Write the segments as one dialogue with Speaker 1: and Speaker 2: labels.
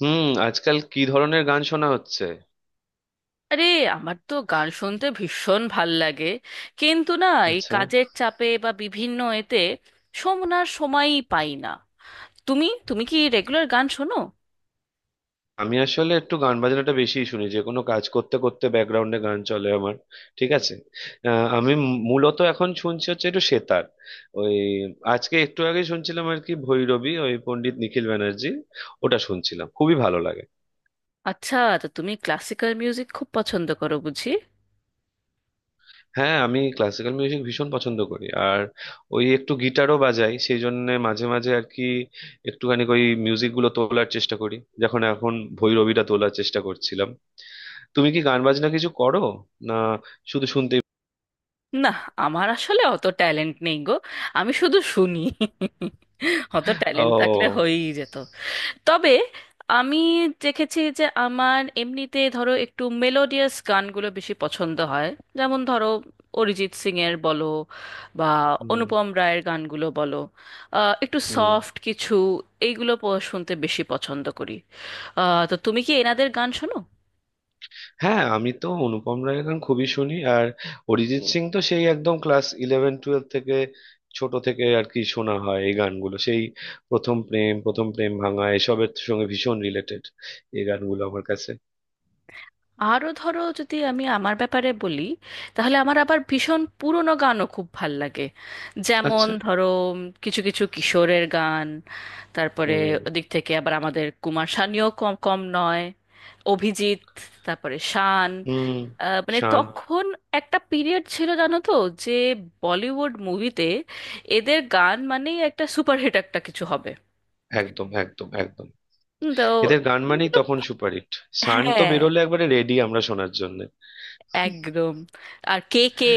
Speaker 1: হুম। আজকাল কি ধরনের গান শোনা হচ্ছে?
Speaker 2: আরে, আমার তো গান শুনতে ভীষণ ভাল লাগে, কিন্তু না, এই
Speaker 1: আচ্ছা,
Speaker 2: কাজের চাপে বা বিভিন্ন এতে শোনার সময়ই পাই না। তুমি তুমি কি রেগুলার গান শোনো?
Speaker 1: আমি আসলে একটু গান বাজনাটা বেশিই শুনি, যে কোনো কাজ করতে করতে ব্যাকগ্রাউন্ডে গান চলে আমার। ঠিক আছে। আমি মূলত এখন শুনছি হচ্ছে একটু সেতার। ওই আজকে একটু আগে শুনছিলাম আর কি ভৈরবী, ওই পণ্ডিত নিখিল ব্যানার্জি। ওটা শুনছিলাম, খুবই ভালো লাগে।
Speaker 2: আচ্ছা, তো তুমি ক্লাসিক্যাল মিউজিক খুব পছন্দ করো বুঝি?
Speaker 1: হ্যাঁ, আমি ক্লাসিক্যাল মিউজিক ভীষণ পছন্দ করি। আর ওই একটু গিটারও বাজাই সেই জন্য মাঝে মাঝে আর কি একটুখানি ওই মিউজিক গুলো তোলার চেষ্টা করি। যখন এখন ভৈরবীটা তোলার চেষ্টা করছিলাম। তুমি কি গান বাজনা কিছু করো, না শুধু শুনতেই?
Speaker 2: না, আমার আসলে অত ট্যালেন্ট নেই গো। আমি শুধু শুনি। অত ট্যালেন্ট থাকলে
Speaker 1: ও।
Speaker 2: হয়েই যেত। তবে আমি দেখেছি যে আমার এমনিতে ধরো একটু মেলোডিয়াস গানগুলো বেশি পছন্দ হয়। যেমন ধরো, অরিজিৎ সিং এর বলো, বা
Speaker 1: হুম।
Speaker 2: অনুপম রায়ের গানগুলো বলো, একটু
Speaker 1: হুম।
Speaker 2: সফট কিছু। এইগুলো শুনতে বেশি পছন্দ করি। তো তুমি কি এনাদের গান শোনো?
Speaker 1: হ্যাঁ, আমি তো অনুপম রায়ের গান খুবই শুনি। আর অরিজিৎ সিং তো সেই একদম ক্লাস ইলেভেন টুয়েলভ থেকে, ছোট থেকে আর কি শোনা হয় এই গানগুলো। সেই প্রথম প্রেম, প্রথম প্রেম ভাঙা, এসবের সঙ্গে ভীষণ রিলেটেড এই গানগুলো আমার কাছে।
Speaker 2: আরও ধরো, যদি আমি আমার ব্যাপারে বলি, তাহলে আমার আবার ভীষণ পুরনো গানও খুব ভাল লাগে। যেমন
Speaker 1: আচ্ছা।
Speaker 2: ধরো, কিছু কিছু কিশোরের গান, তারপরে
Speaker 1: হুম।
Speaker 2: ওদিক থেকে আবার আমাদের কুমার শানুও কম কম নয়, অভিজিৎ, তারপরে শান।
Speaker 1: হুম।
Speaker 2: মানে
Speaker 1: শান।
Speaker 2: তখন একটা পিরিয়ড ছিল জানো তো, যে বলিউড মুভিতে এদের গান মানেই একটা সুপারহিট একটা কিছু হবে।
Speaker 1: একদম, একদম, একদম।
Speaker 2: তো
Speaker 1: এদের গান মানেই
Speaker 2: এগুলো-,
Speaker 1: তখন সুপারহিট। শান তো
Speaker 2: হ্যাঁ
Speaker 1: বেরোলে একবারে রেডি আমরা শোনার জন্য।
Speaker 2: একদম, আর কে কে।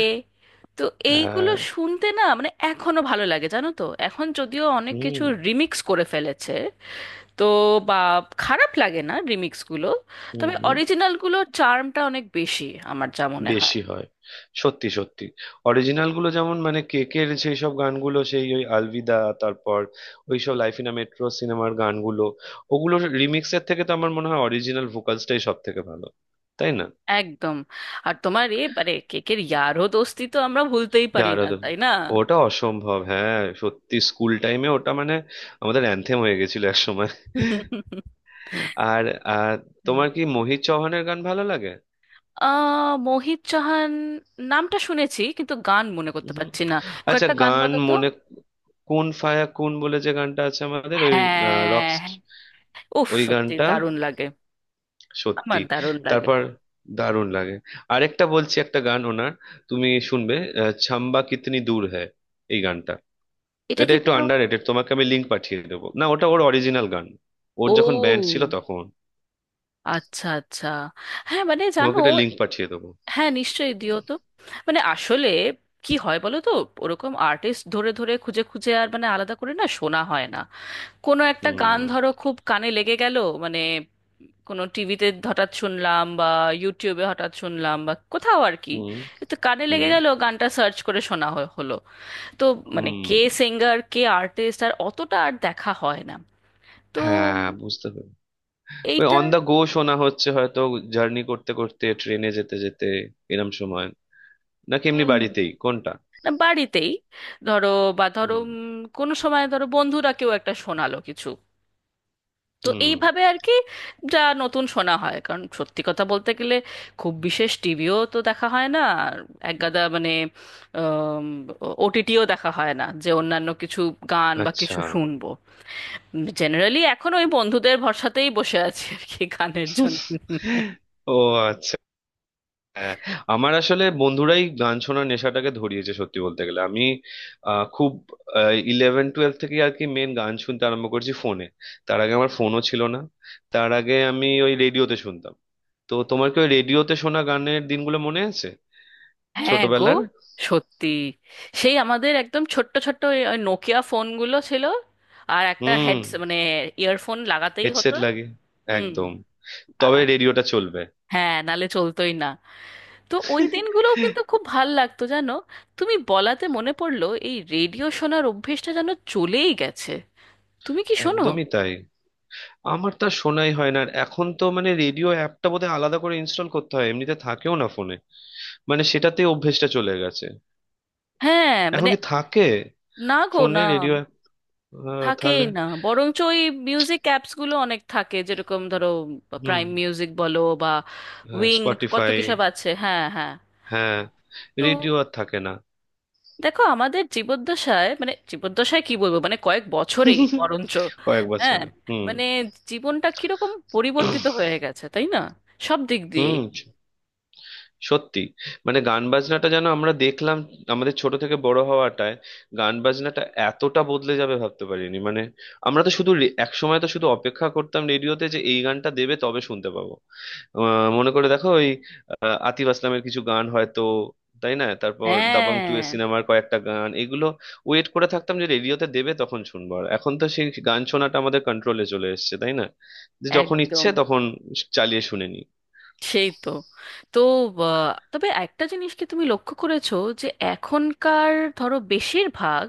Speaker 2: তো এইগুলো
Speaker 1: হ্যাঁ।
Speaker 2: শুনতে না, মানে এখনো ভালো লাগে জানো তো, এখন যদিও অনেক কিছু
Speaker 1: হুম।
Speaker 2: রিমিক্স করে ফেলেছে। তো বা খারাপ লাগে না রিমিক্স গুলো,
Speaker 1: হুম।
Speaker 2: তবে
Speaker 1: হুম।
Speaker 2: অরিজিনাল গুলো চার্মটা অনেক বেশি, আমার যা মনে হয়।
Speaker 1: বেশি হয়। সত্যি সত্যি। অরিজিনাল গুলো যেমন, মানে কেকের সেই সব গানগুলো, সেই ওই আলভিদা, তারপর ওই সব লাইফ ইন মেট্রো সিনেমার গানগুলো, ওগুলো রিমিক্সের থেকে তো আমার মনে হয় অরিজিনাল ভোকালসটাই সব থেকে ভালো। তাই না?
Speaker 2: একদম। আর তোমার এ মানে কেকের ইয়ারও দোস্তি তো আমরা ভুলতেই পারি
Speaker 1: ইয়ার।
Speaker 2: না, তাই না?
Speaker 1: ওটা অসম্ভব, হ্যাঁ সত্যি। স্কুল টাইমে ওটা মানে আমাদের অ্যানথেম হয়ে গেছিল এক সময়। আর আর
Speaker 2: তাই।
Speaker 1: তোমার কি মোহিত চৌহানের গান ভালো লাগে?
Speaker 2: মোহিত চাহান, নামটা শুনেছি কিন্তু গান মনে করতে
Speaker 1: হুম।
Speaker 2: পারছি না।
Speaker 1: আচ্ছা,
Speaker 2: কয়েকটা গান
Speaker 1: গান
Speaker 2: বলো তো।
Speaker 1: মনে কোন ফায়া কোন বলে যে গানটা আছে আমাদের ওই
Speaker 2: হ্যাঁ।
Speaker 1: রক্স,
Speaker 2: উফ,
Speaker 1: ওই
Speaker 2: সত্যি
Speaker 1: গানটা।
Speaker 2: দারুণ লাগে। আমার
Speaker 1: সত্যি।
Speaker 2: দারুণ লাগে।
Speaker 1: তারপর দারুণ লাগে। আরেকটা বলছি একটা গান ওনার, তুমি শুনবে। ছাম্বা কিতনি দূর হ্যায়, এই গানটা।
Speaker 2: এটা
Speaker 1: এটা
Speaker 2: কি
Speaker 1: একটু
Speaker 2: কোনো,
Speaker 1: আন্ডার রেটেড, তোমাকে আমি লিঙ্ক পাঠিয়ে দেবো না? ওটা ওর অরিজিনাল গান, ওর
Speaker 2: ও,
Speaker 1: যখন ব্যান্ড ছিল তখন।
Speaker 2: আচ্ছা আচ্ছা। হ্যাঁ মানে জানো,
Speaker 1: তোমাকে এটা লিঙ্ক পাঠিয়ে দেবো।
Speaker 2: হ্যাঁ নিশ্চয়ই দিও তো। মানে আসলে কি হয় বলো তো, ওরকম আর্টিস্ট ধরে ধরে খুঁজে খুঁজে আর মানে আলাদা করে না শোনা হয় না। কোনো একটা গান
Speaker 1: হুম।
Speaker 2: ধরো খুব কানে লেগে গেল, মানে কোনো টিভিতে হঠাৎ শুনলাম বা ইউটিউবে হঠাৎ শুনলাম বা কোথাও আর কি।
Speaker 1: হুম।
Speaker 2: তো কানে লেগে
Speaker 1: হুম।
Speaker 2: গেল, গানটা সার্চ করে শোনা হলো। তো
Speaker 1: হুম।
Speaker 2: মানে কে, সিঙ্গার কে আর্টিস্ট আর অতটা আর দেখা হয় না। তো
Speaker 1: হ্যাঁ, বুঝতে পেরেছি। ওই
Speaker 2: এইটা।
Speaker 1: অন দা গো শোনা হচ্ছে হয়তো, জার্নি করতে করতে, ট্রেনে যেতে যেতে, এরম সময়, নাকি এমনি
Speaker 2: হুম হুম
Speaker 1: বাড়িতেই
Speaker 2: হুম।
Speaker 1: কোনটা?
Speaker 2: না, বাড়িতেই ধরো, বা ধরো
Speaker 1: হুম।
Speaker 2: কোনো সময় ধরো বন্ধুরা কেউ একটা শোনালো কিছু। তো
Speaker 1: হুম।
Speaker 2: এইভাবে আর কি যা নতুন শোনা হয়, কারণ সত্যি কথা বলতে গেলে খুব বিশেষ টিভিও তো দেখা হয় না, আর একগাদা মানে ওটিটিও দেখা হয় না, যে অন্যান্য কিছু গান বা
Speaker 1: আচ্ছা।
Speaker 2: কিছু শুনবো। জেনারেলি এখন ওই বন্ধুদের ভরসাতেই বসে আছি আর কি, গানের জন্য।
Speaker 1: ও, আচ্ছা। হ্যাঁ। আমার আসলে বন্ধুরাই গান শোনার নেশাটাকে ধরিয়েছে, সত্যি বলতে গেলে। আমি খুব ইলেভেন টুয়েলভ থেকে আর কি মেন গান শুনতে আরম্ভ করেছি ফোনে। তার আগে আমার ফোনও ছিল না, তার আগে আমি ওই রেডিওতে শুনতাম। তো তোমার কি ওই রেডিওতে শোনা গানের দিনগুলো মনে আছে,
Speaker 2: হ্যাঁ গো,
Speaker 1: ছোটবেলার?
Speaker 2: সত্যি। সেই আমাদের একদম ছোট্ট ছোট্ট ওই ওই নোকিয়া ফোনগুলো ছিল, আর একটা
Speaker 1: হুম।
Speaker 2: হেডস মানে ইয়ারফোন লাগাতেই হতো।
Speaker 1: হেডসেট লাগে।
Speaker 2: হুম।
Speaker 1: একদম। তবে
Speaker 2: আর
Speaker 1: রেডিওটা চলবে।
Speaker 2: হ্যাঁ, নালে চলতোই না। তো ওই দিনগুলো কিন্তু খুব ভাল লাগতো জানো। তুমি বলাতে মনে পড়লো, এই রেডিও শোনার অভ্যেসটা যেন চলেই গেছে। তুমি কি শোনো?
Speaker 1: একদমই তাই। আমার তা শোনাই হয় না আর। এখন তো মানে রেডিও অ্যাপটা বোধহয় আলাদা করে ইনস্টল করতে হয়, এমনিতে থাকেও না ফোনে। মানে সেটাতে অভ্যেসটা চলে গেছে।
Speaker 2: হ্যাঁ
Speaker 1: এখন
Speaker 2: মানে,
Speaker 1: কি থাকে
Speaker 2: না গো
Speaker 1: ফোনে
Speaker 2: না,
Speaker 1: রেডিও অ্যাপ?
Speaker 2: থাকেই
Speaker 1: তাহলে
Speaker 2: না। বরঞ্চ ওই মিউজিক অ্যাপস গুলো অনেক থাকে, যেরকম ধরো
Speaker 1: হুম।
Speaker 2: প্রাইম মিউজিক বলো বা
Speaker 1: হ্যাঁ
Speaker 2: উইং, কত
Speaker 1: স্পটিফাই।
Speaker 2: কিসব আছে, হ্যাঁ হ্যাঁ।
Speaker 1: হ্যাঁ।
Speaker 2: তো
Speaker 1: রেডিও আর থাকে না।
Speaker 2: দেখো আমাদের জীবদ্দশায়, মানে জীবদ্দশায় কি বলবো, মানে কয়েক বছরেই বরঞ্চ,
Speaker 1: কয়েক
Speaker 2: হ্যাঁ
Speaker 1: বছরে, হুম।
Speaker 2: মানে জীবনটা কিরকম পরিবর্তিত হয়ে গেছে তাই না, সব দিক দিয়ে।
Speaker 1: হুম। সত্যি। মানে গান বাজনাটা যেন আমরা দেখলাম, আমাদের ছোট থেকে বড় হওয়াটায় গান বাজনাটা এতটা বদলে যাবে ভাবতে পারিনি মানে। আমরা তো শুধু এক সময় তো শুধু অপেক্ষা করতাম রেডিওতে যে এই গানটা দেবে তবে শুনতে পাবো। মনে করে দেখো ওই আতিফ আসলামের কিছু গান হয়তো। তাই না? তারপর দাবাং টু এর
Speaker 2: হ্যাঁ,
Speaker 1: সিনেমার কয়েকটা গান, এগুলো ওয়েট করে থাকতাম যে রেডিওতে দেবে তখন শুনবো। আর এখন তো সেই গান শোনাটা আমাদের কন্ট্রোলে চলে এসেছে, তাই না? যে
Speaker 2: যখন
Speaker 1: যখন
Speaker 2: একদম,
Speaker 1: ইচ্ছে তখন চালিয়ে শুনে নি।
Speaker 2: সেই তো। তো তবে একটা জিনিস কি তুমি লক্ষ্য করেছো, যে এখনকার ধরো বেশিরভাগ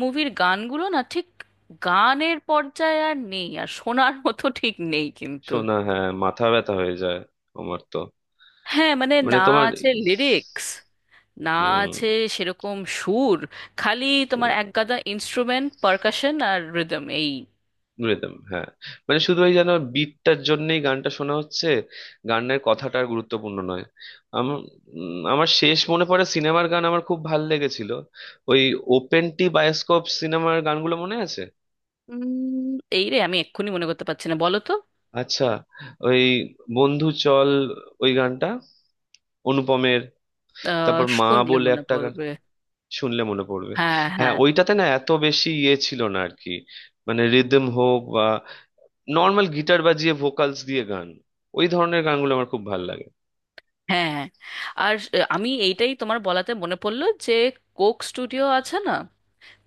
Speaker 2: মুভির গানগুলো না ঠিক গানের পর্যায়ে আর নেই, আর শোনার মতো ঠিক নেই কিন্তু।
Speaker 1: শোনা, হ্যাঁ মাথা ব্যথা হয়ে যায় আমার তো,
Speaker 2: হ্যাঁ মানে, না
Speaker 1: মানে তোমার।
Speaker 2: আছে লিরিক্স, না
Speaker 1: হুম।
Speaker 2: আছে সেরকম সুর, খালি তোমার একগাদা ইনস্ট্রুমেন্ট পারকাশন আর রিদম এই।
Speaker 1: রিদম, হ্যাঁ। মানে শুধু ওই যেন বিটটার জন্যই গানটা শোনা হচ্ছে, গানের কথাটা আর গুরুত্বপূর্ণ নয়। আমার আমার শেষ মনে পড়ে সিনেমার গান আমার খুব ভাল লেগেছিল, ওই ওপেন টি বায়োস্কোপ সিনেমার গানগুলো মনে আছে?
Speaker 2: উম, এই রে আমি এক্ষুনি মনে করতে পারছি না বলো তো।
Speaker 1: আচ্ছা, ওই বন্ধু চল, ওই গানটা, অনুপমের। তারপর মা
Speaker 2: শুনলে
Speaker 1: বলে
Speaker 2: মনে
Speaker 1: একটা,
Speaker 2: পড়বে।
Speaker 1: শুনলে মনে পড়বে।
Speaker 2: হ্যাঁ
Speaker 1: হ্যাঁ,
Speaker 2: হ্যাঁ
Speaker 1: ওইটাতে না এত বেশি ইয়ে ছিল না আর কি, মানে রিদম হোক বা। নর্মাল গিটার বাজিয়ে ভোকালস দিয়ে গান, ওই ধরনের গানগুলো আমার খুব ভালো লাগে।
Speaker 2: হ্যাঁ হ্যাঁ। আর আমি এইটাই তোমার বলাতে মনে পড়লো, যে কোক স্টুডিও আছে না,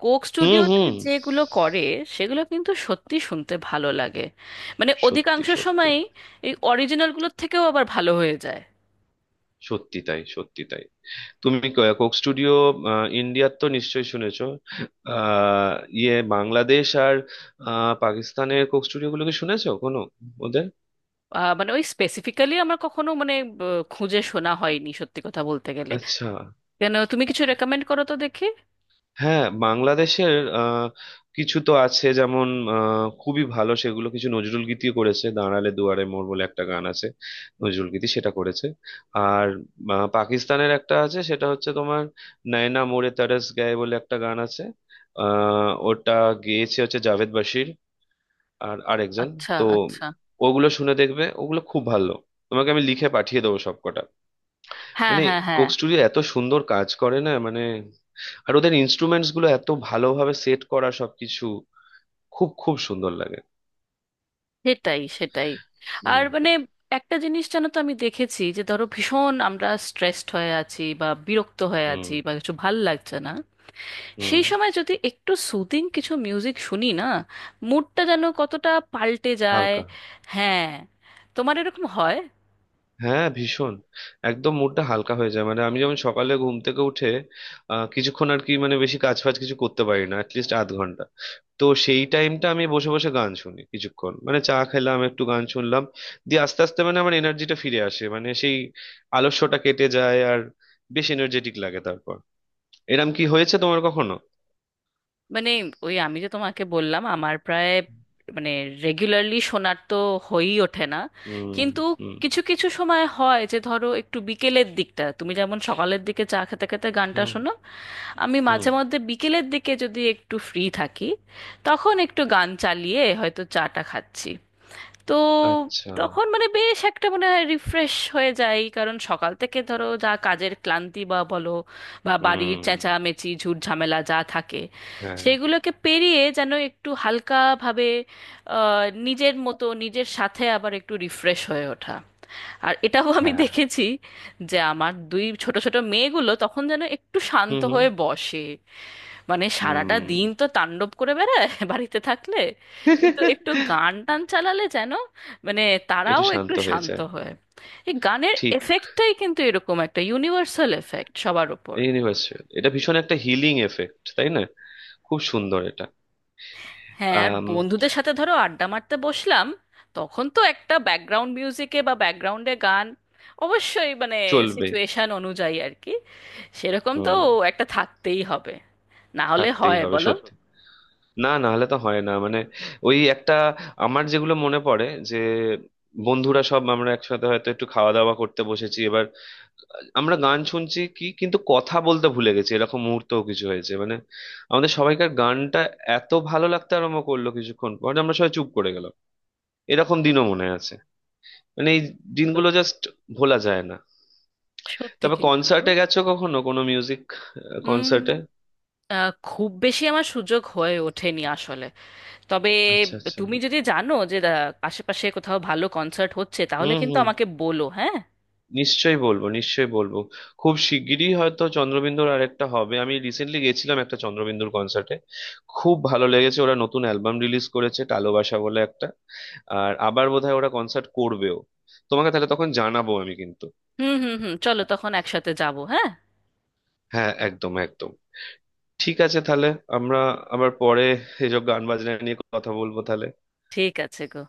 Speaker 2: কোক
Speaker 1: হুম।
Speaker 2: স্টুডিওতে
Speaker 1: হুম।
Speaker 2: যেগুলো করে সেগুলো কিন্তু সত্যি শুনতে ভালো লাগে, মানে
Speaker 1: সত্যি
Speaker 2: অধিকাংশ
Speaker 1: সত্যি।
Speaker 2: সময়ই এই অরিজিনালগুলোর থেকেও আবার ভালো হয়ে যায়।
Speaker 1: সত্যি তাই, সত্যি তাই। তুমি কোক স্টুডিও ইন্ডিয়ার তো নিশ্চয়ই শুনেছো। আহ, ইয়ে বাংলাদেশ আর পাকিস্তানের কোক স্টুডিও গুলোকে শুনেছো কোনো, ওদের?
Speaker 2: মানে ওই স্পেসিফিক্যালি আমার কখনো মানে খুঁজে শোনা হয়নি, সত্যি কথা বলতে গেলে।
Speaker 1: আচ্ছা।
Speaker 2: কেন, তুমি কিছু রেকমেন্ড করো তো দেখি।
Speaker 1: হ্যাঁ, বাংলাদেশের আহ, কিছু তো আছে যেমন, খুবই ভালো। সেগুলো কিছু নজরুল গীতিও করেছে, দাঁড়ালে দুয়ারে মোর বলে একটা গান আছে, নজরুল গীতি সেটা করেছে। আর পাকিস্তানের একটা আছে, সেটা হচ্ছে তোমার নয়না মোরে তরস গায়ে বলে একটা গান আছে। ওটা গেয়েছে হচ্ছে জাভেদ বাশির আর আরেকজন।
Speaker 2: আচ্ছা
Speaker 1: তো
Speaker 2: আচ্ছা।
Speaker 1: ওগুলো শুনে দেখবে, ওগুলো খুব ভালো। তোমাকে আমি লিখে পাঠিয়ে দেবো সবকটা।
Speaker 2: হ্যাঁ
Speaker 1: মানে
Speaker 2: হ্যাঁ হ্যাঁ।
Speaker 1: কোক স্টুডিও এত সুন্দর কাজ করে না, মানে আর ওদের ইনস্ট্রুমেন্টস গুলো এত ভালোভাবে সেট করা সবকিছু, খুব খুব সুন্দর লাগে।
Speaker 2: সেটাই সেটাই। আর
Speaker 1: হুম।
Speaker 2: মানে একটা জিনিস জানো তো, আমি দেখেছি যে ধরো ভীষণ আমরা স্ট্রেসড হয়ে আছি বা বিরক্ত হয়ে
Speaker 1: হুম।
Speaker 2: আছি বা কিছু ভাল লাগছে না,
Speaker 1: হুম।
Speaker 2: সেই সময় যদি একটু সুদিং কিছু মিউজিক শুনি না, মুডটা যেন কতটা পাল্টে যায়।
Speaker 1: হালকা।
Speaker 2: হ্যাঁ, তোমার এরকম হয়?
Speaker 1: হ্যাঁ ভীষণ। একদম মুডটা হালকা হয়ে যায়। মানে আমি যেমন সকালে ঘুম থেকে উঠে কিছুক্ষণ আর কি মানে বেশি কাজ ফাজ কিছু করতে পারি না, অ্যাটলিস্ট আধ ঘন্টা। তো সেই টাইমটা আমি বসে বসে গান শুনি কিছুক্ষণ, মানে চা খেলাম একটু গান শুনলাম, দিয়ে আস্তে আস্তে মানে আমার এনার্জিটা ফিরে আসে, মানে সেই আলস্যটা কেটে যায় আর বেশ এনার্জেটিক লাগে তারপর। এরম কি হয়েছে তোমার কখনো?
Speaker 2: মানে ওই আমি যে তোমাকে বললাম, আমার প্রায় মানে রেগুলারলি শোনার তো হয়েই ওঠে না,
Speaker 1: হুম।
Speaker 2: কিন্তু
Speaker 1: হুম।
Speaker 2: কিছু কিছু সময় হয় যে ধরো একটু বিকেলের দিকটা, তুমি যেমন সকালের দিকে চা খেতে খেতে গানটা
Speaker 1: হুম।
Speaker 2: শোনো, আমি
Speaker 1: হুম।
Speaker 2: মাঝে মধ্যে বিকেলের দিকে যদি একটু ফ্রি থাকি, তখন একটু গান চালিয়ে হয়তো চাটা খাচ্ছি। তো
Speaker 1: আচ্ছা।
Speaker 2: তখন মানে বেশ একটা মানে রিফ্রেশ হয়ে যায়, কারণ সকাল থেকে ধরো যা কাজের ক্লান্তি বা বলো, বা বাড়ির
Speaker 1: হুম।
Speaker 2: চেঁচামেচি ঝুট ঝামেলা যা থাকে,
Speaker 1: হ্যাঁ।
Speaker 2: সেগুলোকে পেরিয়ে যেন একটু হালকাভাবে নিজের মতো নিজের সাথে আবার একটু রিফ্রেশ হয়ে ওঠা। আর এটাও আমি
Speaker 1: হ্যাঁ।
Speaker 2: দেখেছি, যে আমার দুই ছোট ছোট মেয়েগুলো তখন যেন একটু
Speaker 1: হুম।
Speaker 2: শান্ত
Speaker 1: হুম।
Speaker 2: হয়ে বসে। মানে সারাটা
Speaker 1: হুম।
Speaker 2: দিন তো তাণ্ডব করে বেড়ায় বাড়িতে থাকলে, কিন্তু একটু গান টান চালালে যেন মানে
Speaker 1: একটু
Speaker 2: তারাও একটু
Speaker 1: শান্ত হয়ে
Speaker 2: শান্ত
Speaker 1: যায়।
Speaker 2: হয়। এই গানের
Speaker 1: ঠিক,
Speaker 2: এফেক্টটাই কিন্তু এরকম, একটা ইউনিভার্সাল এফেক্ট সবার ওপর।
Speaker 1: ইউনিভার্সাল। এটা ভীষণ একটা হিলিং এফেক্ট, তাই না? খুব সুন্দর এটা।
Speaker 2: হ্যাঁ, আর
Speaker 1: আম,
Speaker 2: বন্ধুদের সাথে ধরো আড্ডা মারতে বসলাম, তখন তো একটা ব্যাকগ্রাউন্ড মিউজিকে বা ব্যাকগ্রাউন্ডে গান অবশ্যই, মানে
Speaker 1: চলবে।
Speaker 2: সিচুয়েশন অনুযায়ী আর কি, সেরকম তো
Speaker 1: হুম।
Speaker 2: একটা থাকতেই হবে, না হলে
Speaker 1: থাকতেই
Speaker 2: হয়
Speaker 1: হবে,
Speaker 2: বলো?
Speaker 1: সত্যি। না না হলে তো হয় না মানে। ওই একটা আমার যেগুলো মনে পড়ে যে বন্ধুরা সব আমরা একসাথে হয়তো একটু খাওয়া দাওয়া করতে বসেছি, এবার আমরা গান শুনছি কি কিন্তু কথা বলতে ভুলে গেছি, এরকম মুহূর্তও কিছু হয়েছে। মানে আমাদের সবাইকার গানটা এত ভালো লাগতে আরম্ভ করলো কিছুক্ষণ পর যে আমরা সবাই চুপ করে গেলাম, এরকম দিনও মনে আছে। মানে এই
Speaker 2: সত্যি তো।
Speaker 1: দিনগুলো জাস্ট ভোলা যায় না।
Speaker 2: সত্যি
Speaker 1: তবে
Speaker 2: কিন্তু গো।
Speaker 1: কনসার্টে গেছো কখনো কোনো মিউজিক
Speaker 2: উম
Speaker 1: কনসার্টে?
Speaker 2: খুব বেশি আমার সুযোগ হয়ে ওঠেনি আসলে। তবে
Speaker 1: আচ্ছা আচ্ছা।
Speaker 2: তুমি যদি জানো যে আশেপাশে কোথাও ভালো কনসার্ট হচ্ছে, তাহলে
Speaker 1: হুম
Speaker 2: কিন্তু
Speaker 1: হুম।
Speaker 2: আমাকে বলো হ্যাঁ।
Speaker 1: নিশ্চয়ই বলবো, নিশ্চয়ই বলবো। খুব শিগগিরই হয়তো চন্দ্রবিন্দুর আরেকটা হবে। আমি রিসেন্টলি গেছিলাম একটা চন্দ্রবিন্দুর কনসার্টে, খুব ভালো লেগেছে। ওরা নতুন অ্যালবাম রিলিজ করেছে, টালোবাসা বলে একটা। আর আবার বোধহয় ওরা কনসার্ট করবেও, তোমাকে তাহলে তখন জানাবো আমি কিন্তু।
Speaker 2: হুম হুম হুম, চলো তখন একসাথে যাবো হ্যাঁ।
Speaker 1: হ্যাঁ একদম, একদম। ঠিক আছে তাহলে, আমরা আবার পরে এসব গান বাজনা নিয়ে কথা বলবো তাহলে।
Speaker 2: ঠিক আছে গো।